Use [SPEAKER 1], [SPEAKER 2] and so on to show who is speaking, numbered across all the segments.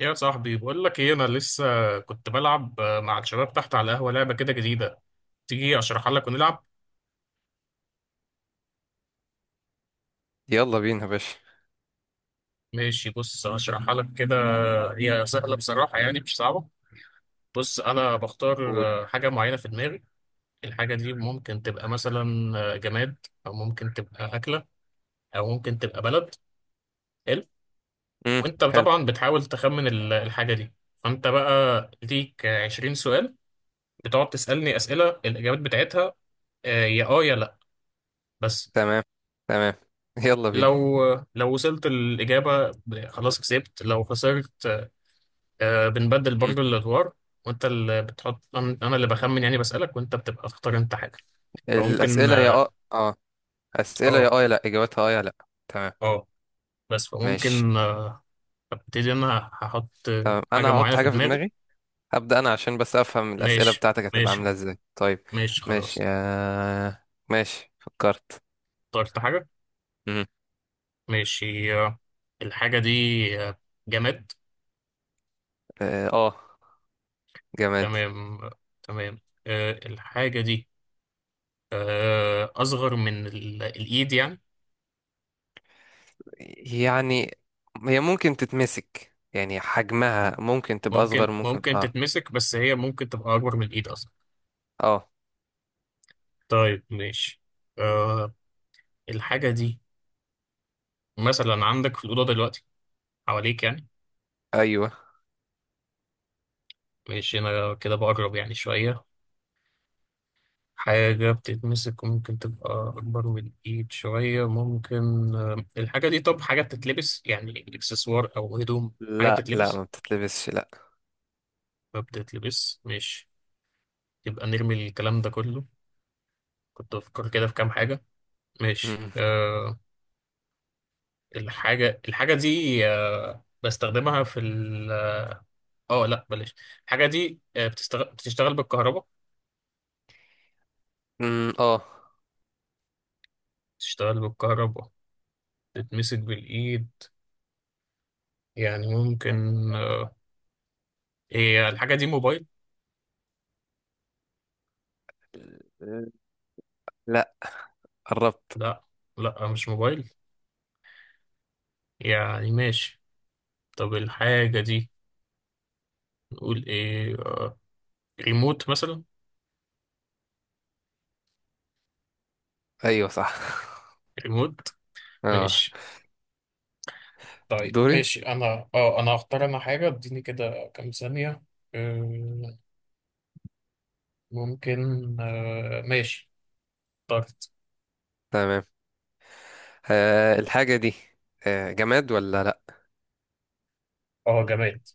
[SPEAKER 1] يا صاحبي بقول لك ايه؟ انا لسه كنت بلعب مع الشباب تحت على القهوه لعبه كده جديده. تيجي اشرحها لك ونلعب.
[SPEAKER 2] يلا بينا يا باشا.
[SPEAKER 1] ماشي، بص اشرحها لك كده. هي سهله بصراحه، يعني مش صعبه. بص، انا بختار
[SPEAKER 2] قول.
[SPEAKER 1] حاجه معينه في دماغي. الحاجه دي ممكن تبقى مثلا جماد، او ممكن تبقى اكله، او ممكن تبقى بلد. حلو.
[SPEAKER 2] امم.
[SPEAKER 1] وانت
[SPEAKER 2] حلو.
[SPEAKER 1] طبعا بتحاول تخمن الحاجه دي. فانت بقى ليك 20 سؤال بتقعد تسالني اسئله الاجابات بتاعتها يا اه يا لا، بس.
[SPEAKER 2] تمام، تمام. يلا بينا.
[SPEAKER 1] لو لو وصلت الإجابة خلاص كسبت، لو خسرت. بنبدل
[SPEAKER 2] امم.
[SPEAKER 1] برضو الأدوار، وأنت اللي بتحط، أنا اللي بخمن، يعني بسألك وأنت بتبقى تختار أنت حاجة. فممكن
[SPEAKER 2] الأسئلة يا
[SPEAKER 1] آه.
[SPEAKER 2] اه، أسئلة يا
[SPEAKER 1] آه
[SPEAKER 2] اه يا لا، إجابتها اه يا لا. تمام.
[SPEAKER 1] آه، بس
[SPEAKER 2] ماشي.
[SPEAKER 1] فممكن آه، أبتدي أنا. هحط
[SPEAKER 2] تمام.
[SPEAKER 1] حاجة
[SPEAKER 2] أنا هحط
[SPEAKER 1] معينة في
[SPEAKER 2] حاجة في
[SPEAKER 1] دماغي.
[SPEAKER 2] دماغي. هبدأ أنا عشان بس أفهم الأسئلة
[SPEAKER 1] ماشي
[SPEAKER 2] بتاعتك هتبقى
[SPEAKER 1] ماشي
[SPEAKER 2] عاملة إزاي. طيب،
[SPEAKER 1] ماشي
[SPEAKER 2] ماشي.
[SPEAKER 1] خلاص.
[SPEAKER 2] آه. ماشي، فكرت.
[SPEAKER 1] اخترت حاجة.
[SPEAKER 2] امم.
[SPEAKER 1] ماشي. الحاجة دي آه، جماد.
[SPEAKER 2] اه. آه، جماد.
[SPEAKER 1] تمام تمام. الحاجة دي أصغر من الإيد يعني.
[SPEAKER 2] يعني هي ممكن تتمسك، يعني حجمها ممكن تبقى
[SPEAKER 1] ممكن
[SPEAKER 2] أصغر، ممكن.
[SPEAKER 1] ممكن
[SPEAKER 2] اه.
[SPEAKER 1] تتمسك، بس هي ممكن تبقى أكبر من الإيد أصلا.
[SPEAKER 2] اه.
[SPEAKER 1] طيب ماشي. أه، الحاجة دي مثلا عندك في الأوضة دلوقتي، حواليك يعني.
[SPEAKER 2] أيوه.
[SPEAKER 1] ماشي، أنا كده بقرب يعني شوية. حاجة بتتمسك وممكن تبقى أكبر من الإيد شوية، ممكن أه. الحاجة دي، طب حاجة بتتلبس؟ يعني إكسسوار أو هدوم، حاجة
[SPEAKER 2] لا، لا
[SPEAKER 1] بتتلبس.
[SPEAKER 2] ما بتتلبسش، لا.
[SPEAKER 1] ما بتتلبس، ماشي. يبقى نرمي الكلام ده كله، كنت بفكر كده في كام حاجة. ماشي أه. الحاجة دي بستخدمها في ال، اه لا بلاش. الحاجة دي بتشتغل بالكهرباء.
[SPEAKER 2] امم. اه.
[SPEAKER 1] بتشتغل بالكهرباء، بتتمسك بالإيد، يعني ممكن. آه، هي الحاجة دي موبايل؟
[SPEAKER 2] لا، قربت.
[SPEAKER 1] لا. لا مش موبايل، يعني ماشي. طب الحاجة دي نقول ايه، ريموت مثلا؟
[SPEAKER 2] ايوه، صح.
[SPEAKER 1] ريموت.
[SPEAKER 2] اه.
[SPEAKER 1] ماشي. طيب
[SPEAKER 2] دوري.
[SPEAKER 1] ماشي، انا انا هختار انا حاجة، اديني كده كام ثانية. آه، ممكن ماشي، اخترت.
[SPEAKER 2] تمام. آه، الحاجة دي. آه، جماد ولا لا؟
[SPEAKER 1] اه، جماد.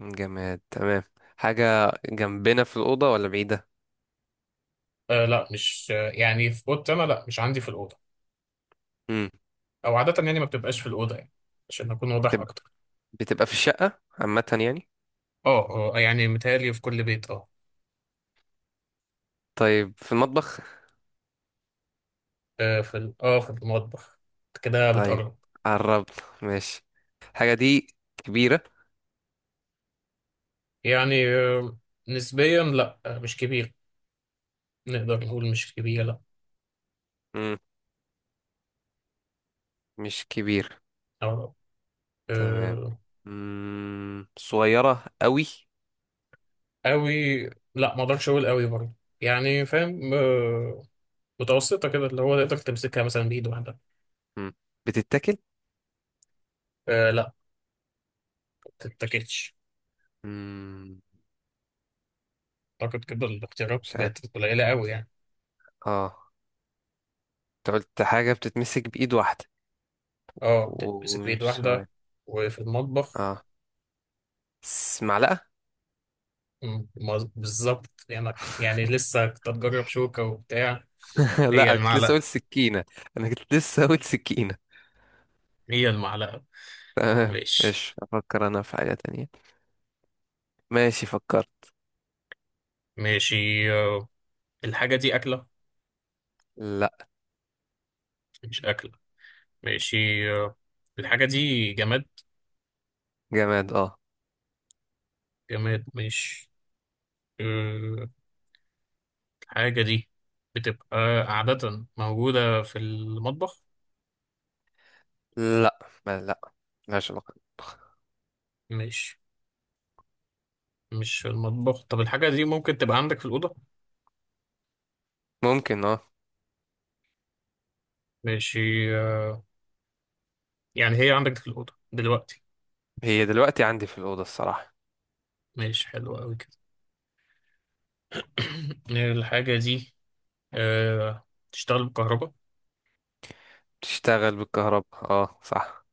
[SPEAKER 2] جماد. تمام. حاجة جنبنا في الأوضة ولا بعيدة؟
[SPEAKER 1] لا، مش يعني في اوضتي انا لا، مش عندي في الاوضه.
[SPEAKER 2] امم.
[SPEAKER 1] او عاده يعني ما بتبقاش في الاوضه يعني، عشان اكون واضح
[SPEAKER 2] بتبقى
[SPEAKER 1] اكتر.
[SPEAKER 2] بتبقى في الشقة عامة يعني؟
[SPEAKER 1] اه اه، يعني متهيألي في كل بيت، اه.
[SPEAKER 2] طيب، في المطبخ.
[SPEAKER 1] في في المطبخ. كده
[SPEAKER 2] طيب.
[SPEAKER 1] بتقرب.
[SPEAKER 2] قربت. ماشي. الحاجة دي كبيرة؟
[SPEAKER 1] يعني آه، نسبيا لا، آه مش كبير. نقدر نقول مش كبيره، لا.
[SPEAKER 2] امم. مش كبيرة.
[SPEAKER 1] أو
[SPEAKER 2] تمام.
[SPEAKER 1] آه
[SPEAKER 2] امم. صغيرة قوي؟
[SPEAKER 1] قوي؟ لا، ما اقدرش اقول قوي برضه. يعني فاهم آه، متوسطه كده، اللي هو تقدر تمسكها مثلا بايد واحده.
[SPEAKER 2] امم. بتتاكل؟
[SPEAKER 1] لا، ما تتاكلش.
[SPEAKER 2] امم.
[SPEAKER 1] اعتقد كده الاختيارات
[SPEAKER 2] مش عارف.
[SPEAKER 1] بقت قليله قوي يعني.
[SPEAKER 2] اه. انت قلت حاجة بتتمسك بإيد واحدة،
[SPEAKER 1] اه، بتتمسك بإيد
[SPEAKER 2] ومش
[SPEAKER 1] واحدة،
[SPEAKER 2] سؤال.
[SPEAKER 1] وفي المطبخ.
[SPEAKER 2] اه. معلقة؟
[SPEAKER 1] بالظبط، يعني يعني لسه كنت أتجرب شوكة وبتاع.
[SPEAKER 2] لا،
[SPEAKER 1] هي
[SPEAKER 2] انا كنت لسه اقول
[SPEAKER 1] المعلقة.
[SPEAKER 2] سكينة. انا كنت لسه اقول سكينة.
[SPEAKER 1] هي المعلقة.
[SPEAKER 2] تمام.
[SPEAKER 1] ماشي.
[SPEAKER 2] ماشي، افكر انا في حاجة تانية. ماشي، فكرت.
[SPEAKER 1] ماشي آه، الحاجة دي أكلة؟
[SPEAKER 2] لا.
[SPEAKER 1] مش أكلة، ماشي. آه، الحاجة دي جماد.
[SPEAKER 2] جماد، اه.
[SPEAKER 1] جماد، مش آه، الحاجة دي بتبقى عادة موجودة في المطبخ.
[SPEAKER 2] لا. ما لا، ملهاش علاقة.
[SPEAKER 1] مش مش في المطبخ. طب الحاجة دي ممكن تبقى عندك في الأوضة؟
[SPEAKER 2] ممكن، اه.
[SPEAKER 1] ماشي آه، يعني هي عندك في الأوضة دلوقتي.
[SPEAKER 2] هي دلوقتي عندي في الأوضة الصراحة.
[SPEAKER 1] ماشي، حلو أوي كده. الحاجة دي أه... تشتغل بالكهرباء.
[SPEAKER 2] بتشتغل بالكهرباء، اه صح.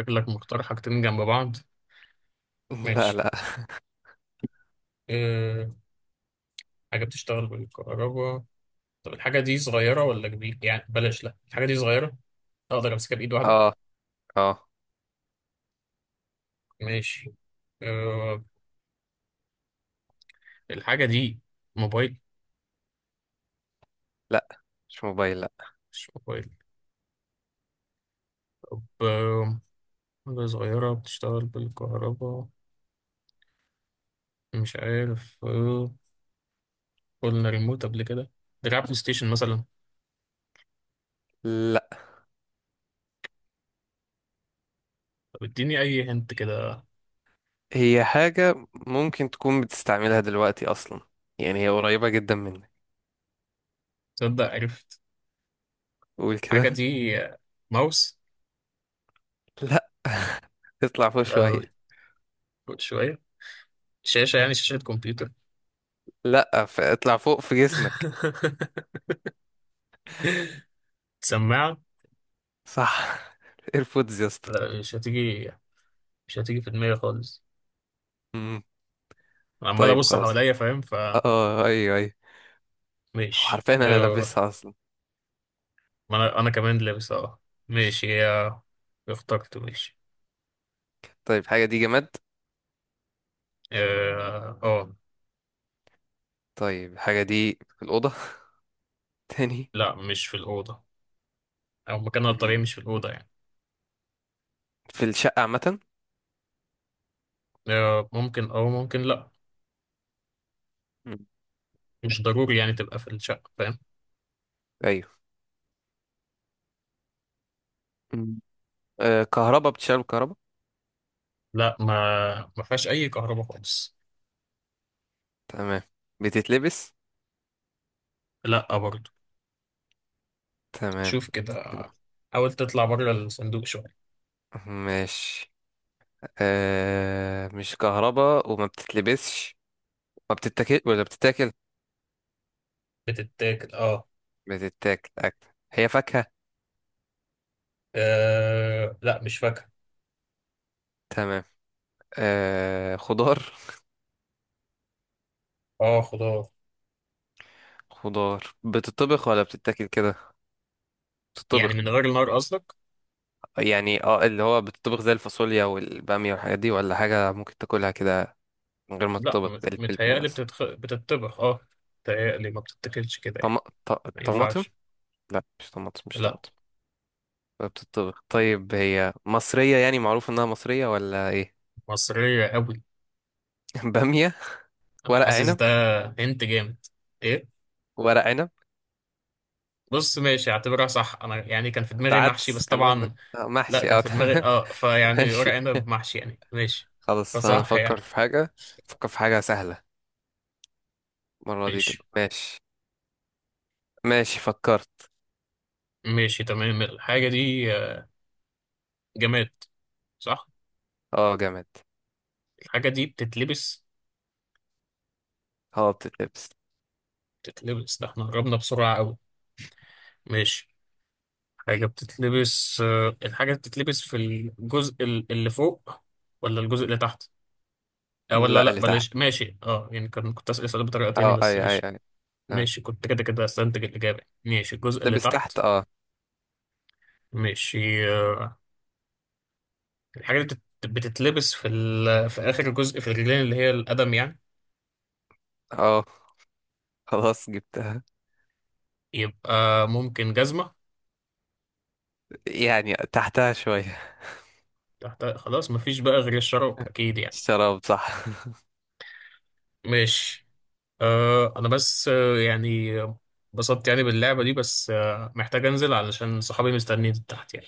[SPEAKER 1] شكلك مختار حاجتين جنب بعض.
[SPEAKER 2] لا،
[SPEAKER 1] ماشي
[SPEAKER 2] لا.
[SPEAKER 1] أه... حاجة بتشتغل بالكهرباء. طب الحاجة دي صغيرة ولا كبيرة؟ يعني بلاش، لأ الحاجة دي صغيرة، أقدر أمسكها بإيد واحدة.
[SPEAKER 2] اه. اه.
[SPEAKER 1] ماشي أه... الحاجة دي موبايل؟
[SPEAKER 2] لا، مش موبايل، لا.
[SPEAKER 1] مش موبايل. طب حاجة صغيرة بتشتغل بالكهرباء، مش عارف قلنا ريموت قبل كده، دراع بلاي ستيشن مثلا.
[SPEAKER 2] لا.
[SPEAKER 1] طب اديني أي هنت كده.
[SPEAKER 2] هي حاجة ممكن تكون بتستعملها دلوقتي أصلا، يعني هي قريبة جدا منك.
[SPEAKER 1] تصدق عرفت.
[SPEAKER 2] قول
[SPEAKER 1] الحاجة
[SPEAKER 2] كده.
[SPEAKER 1] دي ماوس.
[SPEAKER 2] لا، اطلع فوق
[SPEAKER 1] لا
[SPEAKER 2] شوية.
[SPEAKER 1] شوية. شاشة، يعني شاشة كمبيوتر.
[SPEAKER 2] لا، اطلع فوق في جسمك.
[SPEAKER 1] سماعة.
[SPEAKER 2] صح. ايربودز يا اسطى.
[SPEAKER 1] لا، مش هتيجي، مش هتيجي في دماغي خالص.
[SPEAKER 2] مم.
[SPEAKER 1] أنا عمال
[SPEAKER 2] طيب
[SPEAKER 1] أبص
[SPEAKER 2] خلاص.
[SPEAKER 1] حواليا، فاهم.
[SPEAKER 2] اه. آه، ايوه، ايوه. هو
[SPEAKER 1] فماشي
[SPEAKER 2] عارفين انا
[SPEAKER 1] أه.
[SPEAKER 2] لابسها اصلا.
[SPEAKER 1] ما أنا، أنا كمان لابس أه. ماشي، هي، اخترت. ماشي
[SPEAKER 2] طيب، حاجة دي جماد.
[SPEAKER 1] أه آه.
[SPEAKER 2] طيب، الحاجة دي في الأوضة؟ تاني.
[SPEAKER 1] لا، مش في الأوضة، أو مكانها الطبيعي
[SPEAKER 2] مم.
[SPEAKER 1] مش في الأوضة يعني.
[SPEAKER 2] في الشقة عامة.
[SPEAKER 1] أه ممكن أو ممكن لأ،
[SPEAKER 2] مم.
[SPEAKER 1] مش ضروري يعني تبقى في الشقة، فاهم.
[SPEAKER 2] ايوه. مم. آه كهربا، بتشتغل بالكهرباء.
[SPEAKER 1] لأ، ما فيهاش أي كهرباء خالص.
[SPEAKER 2] تمام. بتتلبس؟
[SPEAKER 1] لأ برضه.
[SPEAKER 2] تمام،
[SPEAKER 1] شوف كده،
[SPEAKER 2] بتتلبس.
[SPEAKER 1] حاول تطلع بره الصندوق شوية.
[SPEAKER 2] ماشي. آه، مش كهربا وما بتتلبسش. ما بتتاكل ولا بتتاكل؟
[SPEAKER 1] بتتاكل، اه.
[SPEAKER 2] بتتاكل. هي فاكهة؟
[SPEAKER 1] لا، مش فاكهة.
[SPEAKER 2] تمام. آه، خضار.
[SPEAKER 1] اه، خضار.
[SPEAKER 2] خضار بتطبخ ولا بتتاكل كده؟
[SPEAKER 1] يعني
[SPEAKER 2] بتطبخ.
[SPEAKER 1] من غير النار قصدك؟
[SPEAKER 2] يعني اه، اللي هو بتطبخ زي الفاصوليا والبامية والحاجات دي، ولا حاجة ممكن تاكلها كده من غير ما
[SPEAKER 1] لا
[SPEAKER 2] تطبخ
[SPEAKER 1] م-
[SPEAKER 2] زي الفلفل
[SPEAKER 1] متهيألي
[SPEAKER 2] مثلا؟
[SPEAKER 1] بتتخ... بتتطبخ اه. متهيألي ما بتتاكلش كده يعني،
[SPEAKER 2] طم... ط...
[SPEAKER 1] ما
[SPEAKER 2] طماطم.
[SPEAKER 1] ينفعش.
[SPEAKER 2] لا، مش طماطم، مش
[SPEAKER 1] لا.
[SPEAKER 2] طماطم. ولا بتطبخ؟ طيب هي مصرية، يعني معروف انها مصرية ولا ايه؟
[SPEAKER 1] مصرية قوي.
[SPEAKER 2] بامية؟
[SPEAKER 1] أنا
[SPEAKER 2] ورق
[SPEAKER 1] حاسس
[SPEAKER 2] عنب.
[SPEAKER 1] ده. هنت جامد. ايه؟
[SPEAKER 2] ورق عنب.
[SPEAKER 1] بص ماشي، اعتبرها صح. انا يعني كان في
[SPEAKER 2] انت
[SPEAKER 1] دماغي محشي،
[SPEAKER 2] عدس
[SPEAKER 1] بس
[SPEAKER 2] كان قصدك؟
[SPEAKER 1] طبعا
[SPEAKER 2] آه،
[SPEAKER 1] لا،
[SPEAKER 2] محشي،
[SPEAKER 1] كان
[SPEAKER 2] اه
[SPEAKER 1] في دماغي
[SPEAKER 2] تمام.
[SPEAKER 1] اه، فيعني
[SPEAKER 2] ماشي.
[SPEAKER 1] ورق عنب محشي يعني، ماشي.
[SPEAKER 2] خلاص، انا
[SPEAKER 1] فصح
[SPEAKER 2] افكر
[SPEAKER 1] يعني.
[SPEAKER 2] في حاجة. افكر في حاجة سهلة المرة دي
[SPEAKER 1] ماشي
[SPEAKER 2] تبقى. ماشي. ماشي، فكرت.
[SPEAKER 1] ماشي، تمام. الحاجة دي جماد، صح.
[SPEAKER 2] اه، جامد.
[SPEAKER 1] الحاجة دي بتتلبس.
[SPEAKER 2] اه، بتتلبس.
[SPEAKER 1] بتتلبس، ده احنا قربنا بسرعة قوي. ماشي. حاجة بتتلبس الحاجة بتتلبس في الجزء اللي فوق ولا الجزء اللي تحت؟ اه، ولا
[SPEAKER 2] لا،
[SPEAKER 1] لا
[SPEAKER 2] اللي تحت.
[SPEAKER 1] بلاش، ماشي. اه يعني كان، كنت أسأل السؤال بطريقة تاني
[SPEAKER 2] اه،
[SPEAKER 1] بس
[SPEAKER 2] اي اي
[SPEAKER 1] ماشي.
[SPEAKER 2] اي. اه،
[SPEAKER 1] ماشي، كنت كده كده استنتج الإجابة. ماشي، الجزء اللي
[SPEAKER 2] بتتلبس
[SPEAKER 1] تحت.
[SPEAKER 2] تحت، اه.
[SPEAKER 1] ماشي الحاجة بتتلبس في ال... في آخر جزء في الرجلين، اللي هي القدم يعني.
[SPEAKER 2] اه. خلاص جبتها.
[SPEAKER 1] يبقى ممكن جزمة؟
[SPEAKER 2] يعني تحتها شوية.
[SPEAKER 1] تحت؟ خلاص، مفيش بقى غير الشراب، أكيد يعني.
[SPEAKER 2] الشراب، صح.
[SPEAKER 1] ماشي. أه انا بس انبسطت يعني باللعبة دي، بس محتاج انزل علشان صحابي مستنيين تحت يعني.